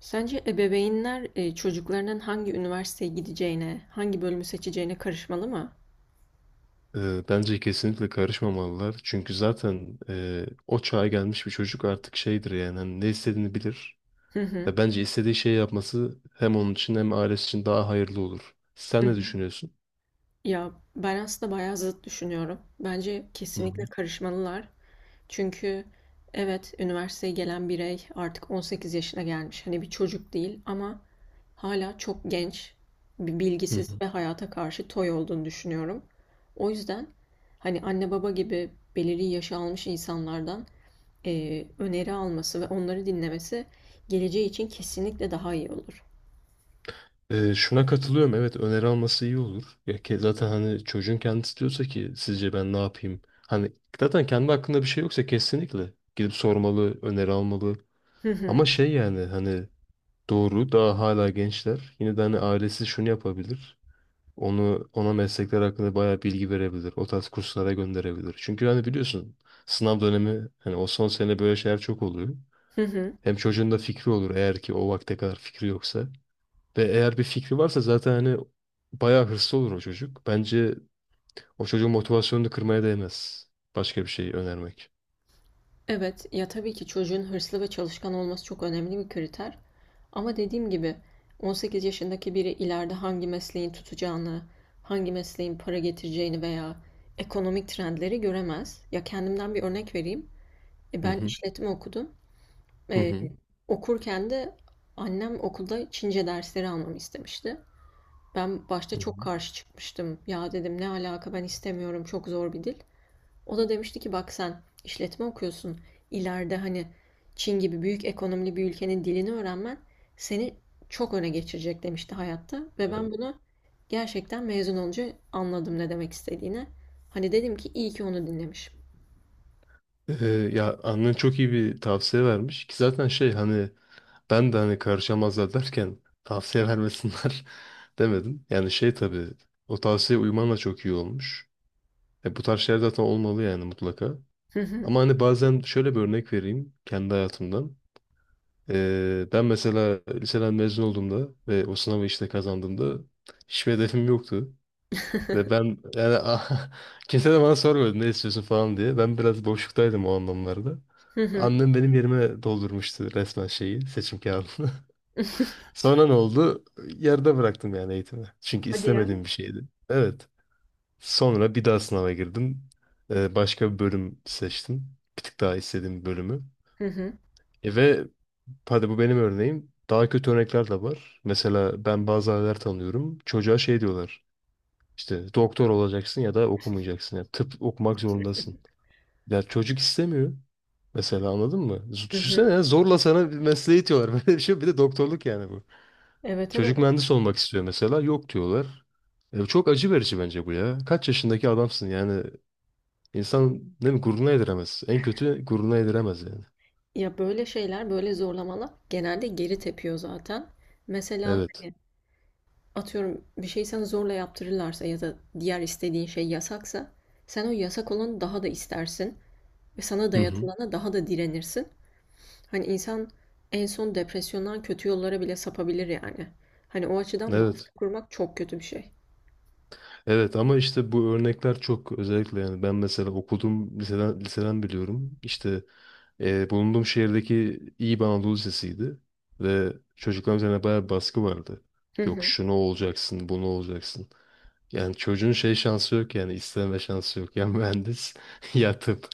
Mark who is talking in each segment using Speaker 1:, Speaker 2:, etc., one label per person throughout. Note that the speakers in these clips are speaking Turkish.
Speaker 1: Sence ebeveynler çocuklarının hangi üniversiteye gideceğine, hangi bölümü seçeceğine karışmalı mı?
Speaker 2: Bence kesinlikle karışmamalılar. Çünkü zaten o çağa gelmiş bir çocuk artık şeydir yani hani ne istediğini bilir.
Speaker 1: Hı hı.
Speaker 2: Ve bence istediği şeyi yapması hem onun için hem ailesi için daha hayırlı olur. Sen
Speaker 1: Hı
Speaker 2: ne
Speaker 1: hı.
Speaker 2: düşünüyorsun?
Speaker 1: Ya ben aslında bayağı zıt düşünüyorum. Bence
Speaker 2: Hı
Speaker 1: kesinlikle
Speaker 2: hı.
Speaker 1: karışmalılar. Çünkü evet, üniversiteye gelen birey artık 18 yaşına gelmiş. Hani bir çocuk değil, ama hala çok genç, bir
Speaker 2: Hı
Speaker 1: bilgisiz
Speaker 2: hı.
Speaker 1: ve hayata karşı toy olduğunu düşünüyorum. O yüzden hani anne baba gibi belirli yaşı almış insanlardan öneri alması ve onları dinlemesi geleceği için kesinlikle daha iyi olur.
Speaker 2: Şuna katılıyorum. Evet, öneri alması iyi olur. Ya ki zaten hani çocuğun kendisi diyorsa ki sizce ben ne yapayım? Hani zaten kendi hakkında bir şey yoksa kesinlikle gidip sormalı, öneri almalı.
Speaker 1: Hı hı.
Speaker 2: Ama şey yani hani doğru, daha hala gençler. Yine de hani ailesi şunu yapabilir. Onu, ona meslekler hakkında bayağı bilgi verebilir. O tarz kurslara gönderebilir. Çünkü hani biliyorsun, sınav dönemi hani o son sene böyle şeyler çok oluyor.
Speaker 1: Hı hı.
Speaker 2: Hem çocuğun da fikri olur eğer ki o vakte kadar fikri yoksa. Ve eğer bir fikri varsa zaten hani bayağı hırslı olur o çocuk. Bence o çocuğun motivasyonunu kırmaya değmez. Başka bir şey önermek.
Speaker 1: Evet, ya tabii ki çocuğun hırslı ve çalışkan olması çok önemli bir kriter. Ama dediğim gibi, 18 yaşındaki biri ileride hangi mesleğin tutacağını, hangi mesleğin para getireceğini veya ekonomik trendleri göremez. Ya kendimden bir örnek vereyim. E,
Speaker 2: Hı
Speaker 1: ben
Speaker 2: hı.
Speaker 1: işletme okudum.
Speaker 2: Hı
Speaker 1: E,
Speaker 2: hı.
Speaker 1: okurken de annem okulda Çince dersleri almamı istemişti. Ben başta
Speaker 2: Hı
Speaker 1: çok
Speaker 2: hı.
Speaker 1: karşı çıkmıştım. Ya dedim, ne alaka, ben istemiyorum, çok zor bir dil. O da demişti ki bak, sen işletme okuyorsun. İleride hani Çin gibi büyük ekonomili bir ülkenin dilini öğrenmen seni çok öne geçirecek demişti hayatta. Ve
Speaker 2: Evet.
Speaker 1: ben bunu gerçekten mezun olunca anladım ne demek istediğini. Hani dedim ki iyi ki onu dinlemişim.
Speaker 2: Ya annen çok iyi bir tavsiye vermiş ki zaten şey hani ben de hani karışamazlar derken tavsiye vermesinler demedim. Yani şey, tabii o tavsiye uyman da çok iyi olmuş. Bu tarz şeyler zaten olmalı yani, mutlaka.
Speaker 1: Hı hı.
Speaker 2: Ama hani bazen şöyle bir örnek vereyim kendi hayatımdan. Ben mesela liseden mezun olduğumda ve o sınavı işte kazandığımda hiçbir hedefim yoktu. Ve ben yani ah, kimse de bana sormadı ne istiyorsun falan diye. Ben biraz boşluktaydım o anlamlarda.
Speaker 1: Hı hı.
Speaker 2: Annem benim yerime doldurmuştu resmen şeyi, seçim kağıdını. Sonra ne oldu? Yarıda bıraktım yani eğitimi. Çünkü
Speaker 1: Hadi ya.
Speaker 2: istemediğim bir şeydi. Evet. Sonra bir daha sınava girdim. Başka bir bölüm seçtim. Bir tık daha istediğim bir bölümü.
Speaker 1: Hı hı.
Speaker 2: Ve hadi, bu benim örneğim. Daha kötü örnekler de var. Mesela ben bazı aileler tanıyorum. Çocuğa şey diyorlar. İşte doktor olacaksın ya da okumayacaksın. Yani tıp okumak zorundasın. Ya çocuk istemiyor. Mesela anladın mı?
Speaker 1: Hı hı.
Speaker 2: Düşünsene ya, zorla sana bir mesleği itiyorlar. Böyle bir şey. Bir de doktorluk yani bu.
Speaker 1: Evet,
Speaker 2: Çocuk
Speaker 1: evet.
Speaker 2: mühendis olmak istiyor mesela. Yok diyorlar. Çok acı verici bence bu ya. Kaç yaşındaki adamsın yani. İnsan ne mi gururuna yediremez. En kötü gururuna yediremez yani.
Speaker 1: Ya böyle şeyler, böyle zorlamalar genelde geri tepiyor zaten. Mesela
Speaker 2: Evet.
Speaker 1: hani atıyorum, bir şey sana zorla yaptırırlarsa ya da diğer istediğin şey yasaksa sen o yasak olanı daha da istersin ve sana
Speaker 2: Hı hı.
Speaker 1: dayatılana daha da direnirsin. Hani insan en son depresyondan kötü yollara bile sapabilir yani. Hani o açıdan
Speaker 2: Evet.
Speaker 1: baskı kurmak çok kötü bir şey.
Speaker 2: Evet ama işte bu örnekler çok özellikle, yani ben mesela okudum, liseden biliyorum. İşte bulunduğum şehirdeki iyi bir Anadolu Lisesi'ydi ve çocukların üzerine bayağı bir baskı vardı.
Speaker 1: Hı
Speaker 2: Yok
Speaker 1: hı.
Speaker 2: şunu olacaksın, bunu olacaksın. Yani çocuğun şey şansı yok, yani isteme şansı yok. Ya mühendis ya tıp.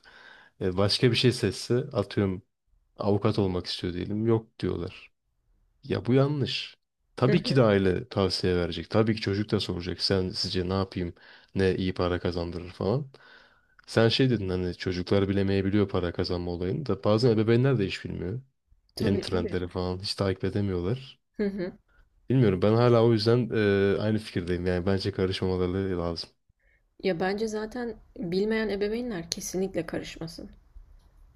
Speaker 2: Başka bir şey seçse, atıyorum avukat olmak istiyor diyelim. Yok diyorlar. Ya bu yanlış.
Speaker 1: Hı
Speaker 2: Tabii ki de
Speaker 1: hı.
Speaker 2: aile tavsiye verecek. Tabii ki çocuk da soracak. Sen, sizce ne yapayım? Ne iyi para kazandırır falan. Sen şey dedin hani çocuklar bilemeyebiliyor para kazanma olayını, da bazen ebeveynler de hiç bilmiyor. Yeni
Speaker 1: Tabii, tabii.
Speaker 2: trendleri falan hiç takip edemiyorlar.
Speaker 1: Hı hı.
Speaker 2: Bilmiyorum, ben hala o yüzden aynı fikirdeyim. Yani bence karışmamaları lazım.
Speaker 1: Ya bence zaten bilmeyen ebeveynler kesinlikle karışmasın.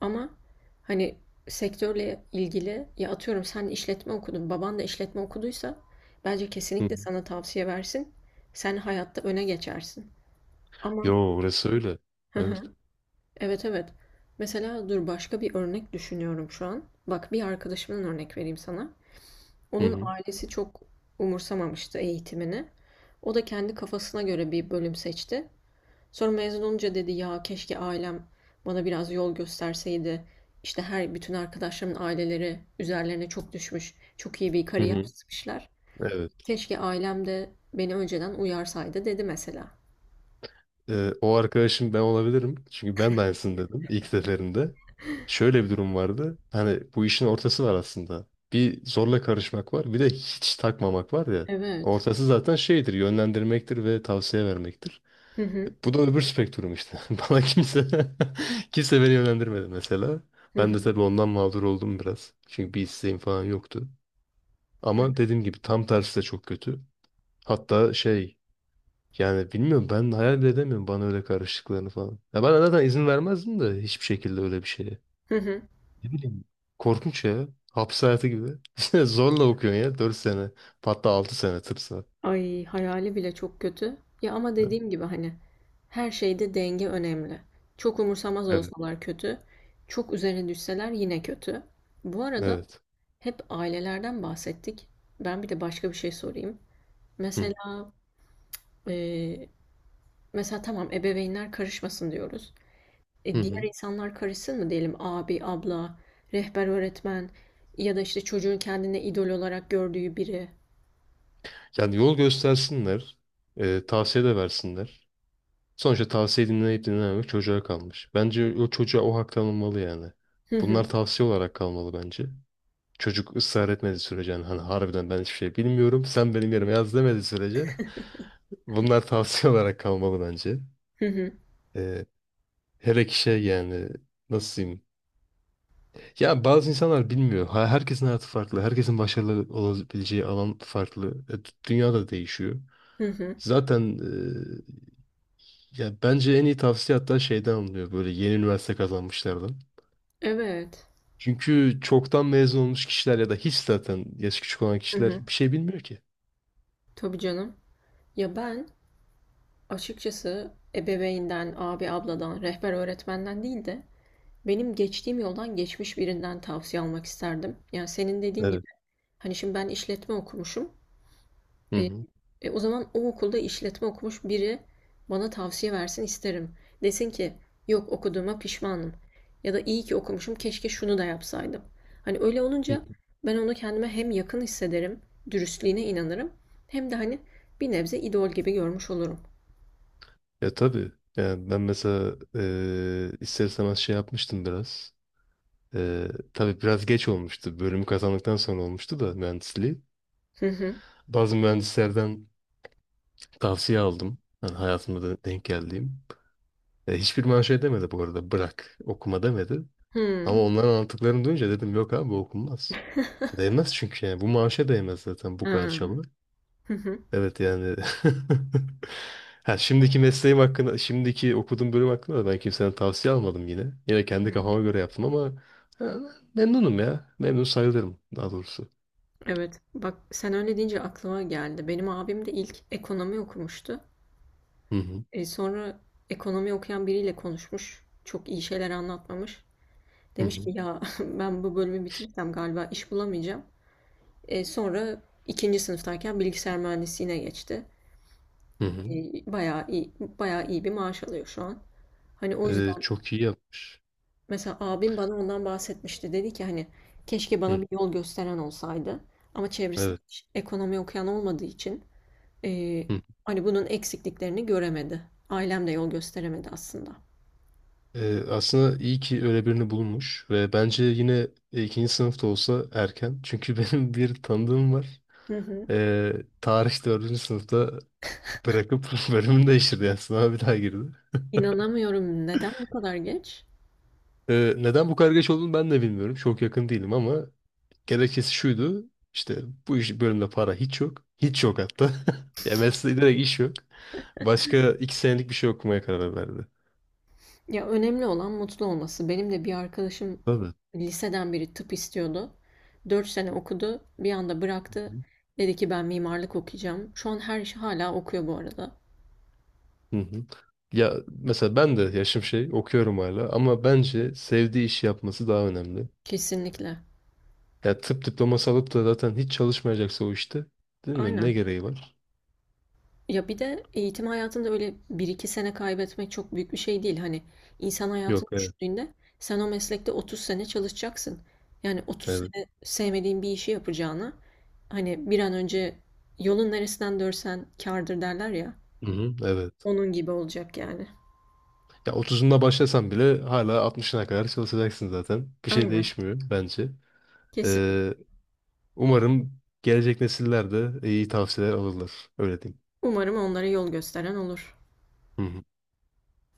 Speaker 1: Ama hani sektörle ilgili, ya atıyorum sen işletme okudun, baban da işletme okuduysa bence
Speaker 2: Hı
Speaker 1: kesinlikle
Speaker 2: hı.
Speaker 1: sana tavsiye versin. Sen hayatta öne geçersin.
Speaker 2: Yo,
Speaker 1: Ama
Speaker 2: orası öyle.
Speaker 1: hı hı,
Speaker 2: Evet.
Speaker 1: evet, evet. Mesela dur, başka bir örnek düşünüyorum şu an. Bak, bir arkadaşımdan örnek vereyim sana.
Speaker 2: Hı
Speaker 1: Onun
Speaker 2: hı.
Speaker 1: ailesi çok umursamamıştı eğitimini. O da kendi kafasına göre bir bölüm seçti. Sonra mezun olunca dedi, ya keşke ailem bana biraz yol gösterseydi. İşte her bütün arkadaşlarımın aileleri üzerlerine çok düşmüş. Çok iyi bir
Speaker 2: Hı
Speaker 1: kariyer
Speaker 2: hı.
Speaker 1: çizmişler.
Speaker 2: Evet.
Speaker 1: Keşke ailem de beni önceden uyarsaydı dedi mesela.
Speaker 2: O arkadaşım ben olabilirim. Çünkü ben de aynısını dedim ilk seferinde. Şöyle bir durum vardı. Hani bu işin ortası var aslında. Bir zorla karışmak var. Bir de hiç takmamak var ya.
Speaker 1: Evet.
Speaker 2: Ortası zaten şeydir. Yönlendirmektir ve tavsiye vermektir.
Speaker 1: Hı hı.
Speaker 2: Bu da öbür spektrum işte. Bana kimse kimse beni yönlendirmedi mesela.
Speaker 1: Hı
Speaker 2: Ben de
Speaker 1: hı.
Speaker 2: tabii ondan mağdur oldum biraz. Çünkü bir isteğim falan yoktu. Ama dediğim gibi tam tersi de çok kötü. Hatta şey, yani bilmiyorum, ben hayal bile edemiyorum bana öyle karıştıklarını falan. Ya ben zaten izin vermezdim de hiçbir şekilde öyle bir şeye.
Speaker 1: Hı hı.
Speaker 2: Ne bileyim. Korkunç ya. Hapis hayatı gibi. Zorla okuyorsun ya 4 sene. Hatta 6 sene tıp var.
Speaker 1: Ay, hayali bile çok kötü. Ya ama dediğim gibi hani her şeyde denge önemli. Çok umursamaz
Speaker 2: Evet.
Speaker 1: olsalar kötü. Çok üzerine düşseler yine kötü. Bu arada,
Speaker 2: Evet.
Speaker 1: hep ailelerden bahsettik. Ben bir de başka bir şey sorayım.
Speaker 2: Hı.
Speaker 1: Mesela e, mesela tamam, ebeveynler karışmasın diyoruz.
Speaker 2: Hı
Speaker 1: E,
Speaker 2: hı.
Speaker 1: diğer insanlar karışsın mı diyelim? Abi, abla, rehber öğretmen ya da işte çocuğun kendine idol olarak gördüğü biri.
Speaker 2: Yani yol göstersinler. Tavsiye de versinler. Sonuçta tavsiye dinleyip dinlememek çocuğa kalmış. Bence o çocuğa o hak tanınmalı yani.
Speaker 1: Hı hı,
Speaker 2: Bunlar tavsiye olarak kalmalı bence. Çocuk ısrar etmediği sürece, yani hani harbiden ben hiçbir şey bilmiyorum, sen benim yerime yaz demediği sürece bunlar tavsiye olarak kalmalı bence.
Speaker 1: hı hı,
Speaker 2: Ee, Hele ki şey yani, nasıl diyeyim? Ya bazı insanlar bilmiyor. Herkesin hayatı farklı. Herkesin başarılı olabileceği alan farklı. Dünya da değişiyor.
Speaker 1: hı. Hı.
Speaker 2: Zaten ya bence en iyi tavsiye hatta şeyden alınıyor, böyle yeni üniversite kazanmışlardan.
Speaker 1: Evet.
Speaker 2: Çünkü çoktan mezun olmuş kişiler ya da hiç zaten yaşı küçük olan
Speaker 1: Hı
Speaker 2: kişiler
Speaker 1: hı.
Speaker 2: bir şey bilmiyor ki.
Speaker 1: Tabii canım. Ya ben açıkçası ebeveynden, abi, abladan, rehber öğretmenden değil de benim geçtiğim yoldan geçmiş birinden tavsiye almak isterdim. Yani senin dediğin gibi.
Speaker 2: Evet.
Speaker 1: Hani şimdi ben işletme okumuşum.
Speaker 2: Hı
Speaker 1: E,
Speaker 2: hı.
Speaker 1: o zaman o okulda işletme okumuş biri bana tavsiye versin isterim. Desin ki yok, okuduğuma pişmanım. Ya da iyi ki okumuşum, keşke şunu da yapsaydım. Hani öyle olunca ben onu kendime hem yakın hissederim, dürüstlüğüne inanırım. Hem de hani bir nebze idol gibi görmüş olurum.
Speaker 2: Ya tabii. Yani ben mesela ister istemez şey yapmıştım biraz. Eee tabii biraz geç olmuştu. Bölümü kazandıktan sonra olmuştu da, mühendisliği.
Speaker 1: Hı hı.
Speaker 2: Bazı mühendislerden tavsiye aldım. Yani hayatımda da denk geldiğim. Hiçbir bana şey demedi bu arada. Bırak, okuma demedi.
Speaker 1: Hı.
Speaker 2: Ama onların anlattıklarını duyunca dedim yok abi, bu okunmaz. Değmez çünkü yani. Bu maaşa değmez zaten bu
Speaker 1: Ha.
Speaker 2: kadar çaba.
Speaker 1: Hı hı.
Speaker 2: Evet yani. Ha, şimdiki mesleğim hakkında, şimdiki okuduğum bölüm hakkında da ben kimseden tavsiye almadım yine. Yine kendi
Speaker 1: Hı.
Speaker 2: kafama göre yaptım ama ha, memnunum ya. Memnun sayılırım daha doğrusu.
Speaker 1: Evet. Bak sen öyle deyince aklıma geldi. Benim abim de ilk ekonomi okumuştu.
Speaker 2: Hı hı.
Speaker 1: Sonra ekonomi okuyan biriyle konuşmuş. Çok iyi şeyler anlatmamış.
Speaker 2: Hı
Speaker 1: Demiş
Speaker 2: hı.
Speaker 1: ki ya, ben bu bölümü bitirirsem galiba iş bulamayacağım. Sonra ikinci sınıftayken bilgisayar mühendisliğine geçti.
Speaker 2: Hı
Speaker 1: E,
Speaker 2: hı.
Speaker 1: bayağı iyi, bayağı iyi bir maaş alıyor şu an. Hani o yüzden
Speaker 2: Çok iyi yapmış.
Speaker 1: mesela abim bana ondan bahsetmişti. Dedi ki hani keşke bana
Speaker 2: Hı,
Speaker 1: bir yol gösteren olsaydı. Ama çevresinde
Speaker 2: evet.
Speaker 1: hiç ekonomi okuyan olmadığı için e,
Speaker 2: Hı.
Speaker 1: hani bunun eksikliklerini göremedi. Ailem de yol gösteremedi aslında.
Speaker 2: Aslında iyi ki öyle birini bulmuş ve bence yine ikinci sınıfta olsa erken. Çünkü benim bir tanıdığım var.
Speaker 1: Hı hı.
Speaker 2: Ee, Tarih dördüncü sınıfta bırakıp bölümünü değiştirdi. Yani sınava bir daha girdi.
Speaker 1: İnanamıyorum. Neden bu kadar geç?
Speaker 2: Neden bu kadar geç olduğunu ben de bilmiyorum. Çok yakın değilim ama gerekçesi şuydu. İşte bu iş bölümde para hiç yok. Hiç yok hatta. Ya mesleği, direkt iş yok. Başka 2 senelik bir şey okumaya karar verdi.
Speaker 1: Ya önemli olan mutlu olması. Benim de bir arkadaşım
Speaker 2: Tabii. Hı
Speaker 1: liseden beri tıp istiyordu. 4 sene okudu. Bir anda bıraktı.
Speaker 2: hı.
Speaker 1: Dedi ki ben mimarlık okuyacağım. Şu an her işi hala okuyor bu arada.
Speaker 2: Hı hı. Ya mesela ben de yaşım şey okuyorum hala, ama bence sevdiği işi yapması daha önemli.
Speaker 1: Kesinlikle.
Speaker 2: Ya tıp diploması alıp da zaten hiç çalışmayacaksa o işte, değil mi? Ne
Speaker 1: Aynen.
Speaker 2: gereği var?
Speaker 1: Ya bir de eğitim hayatında öyle bir iki sene kaybetmek çok büyük bir şey değil. Hani insan hayatını
Speaker 2: Yok, evet.
Speaker 1: düşündüğünde sen o meslekte 30 sene çalışacaksın. Yani 30
Speaker 2: Evet.
Speaker 1: sene sevmediğin bir işi yapacağına hani bir an önce, yolun neresinden dörsen kârdır derler ya.
Speaker 2: Hı hı, evet.
Speaker 1: Onun gibi olacak yani.
Speaker 2: Ya 30'unda başlasan bile hala 60'ına kadar çalışacaksın zaten. Bir şey
Speaker 1: Aynen.
Speaker 2: değişmiyor bence.
Speaker 1: Kesinlikle.
Speaker 2: Ee, Umarım gelecek nesiller de iyi tavsiyeler alırlar. Öyle diyeyim.
Speaker 1: Umarım onlara yol gösteren olur.
Speaker 2: Hı hı.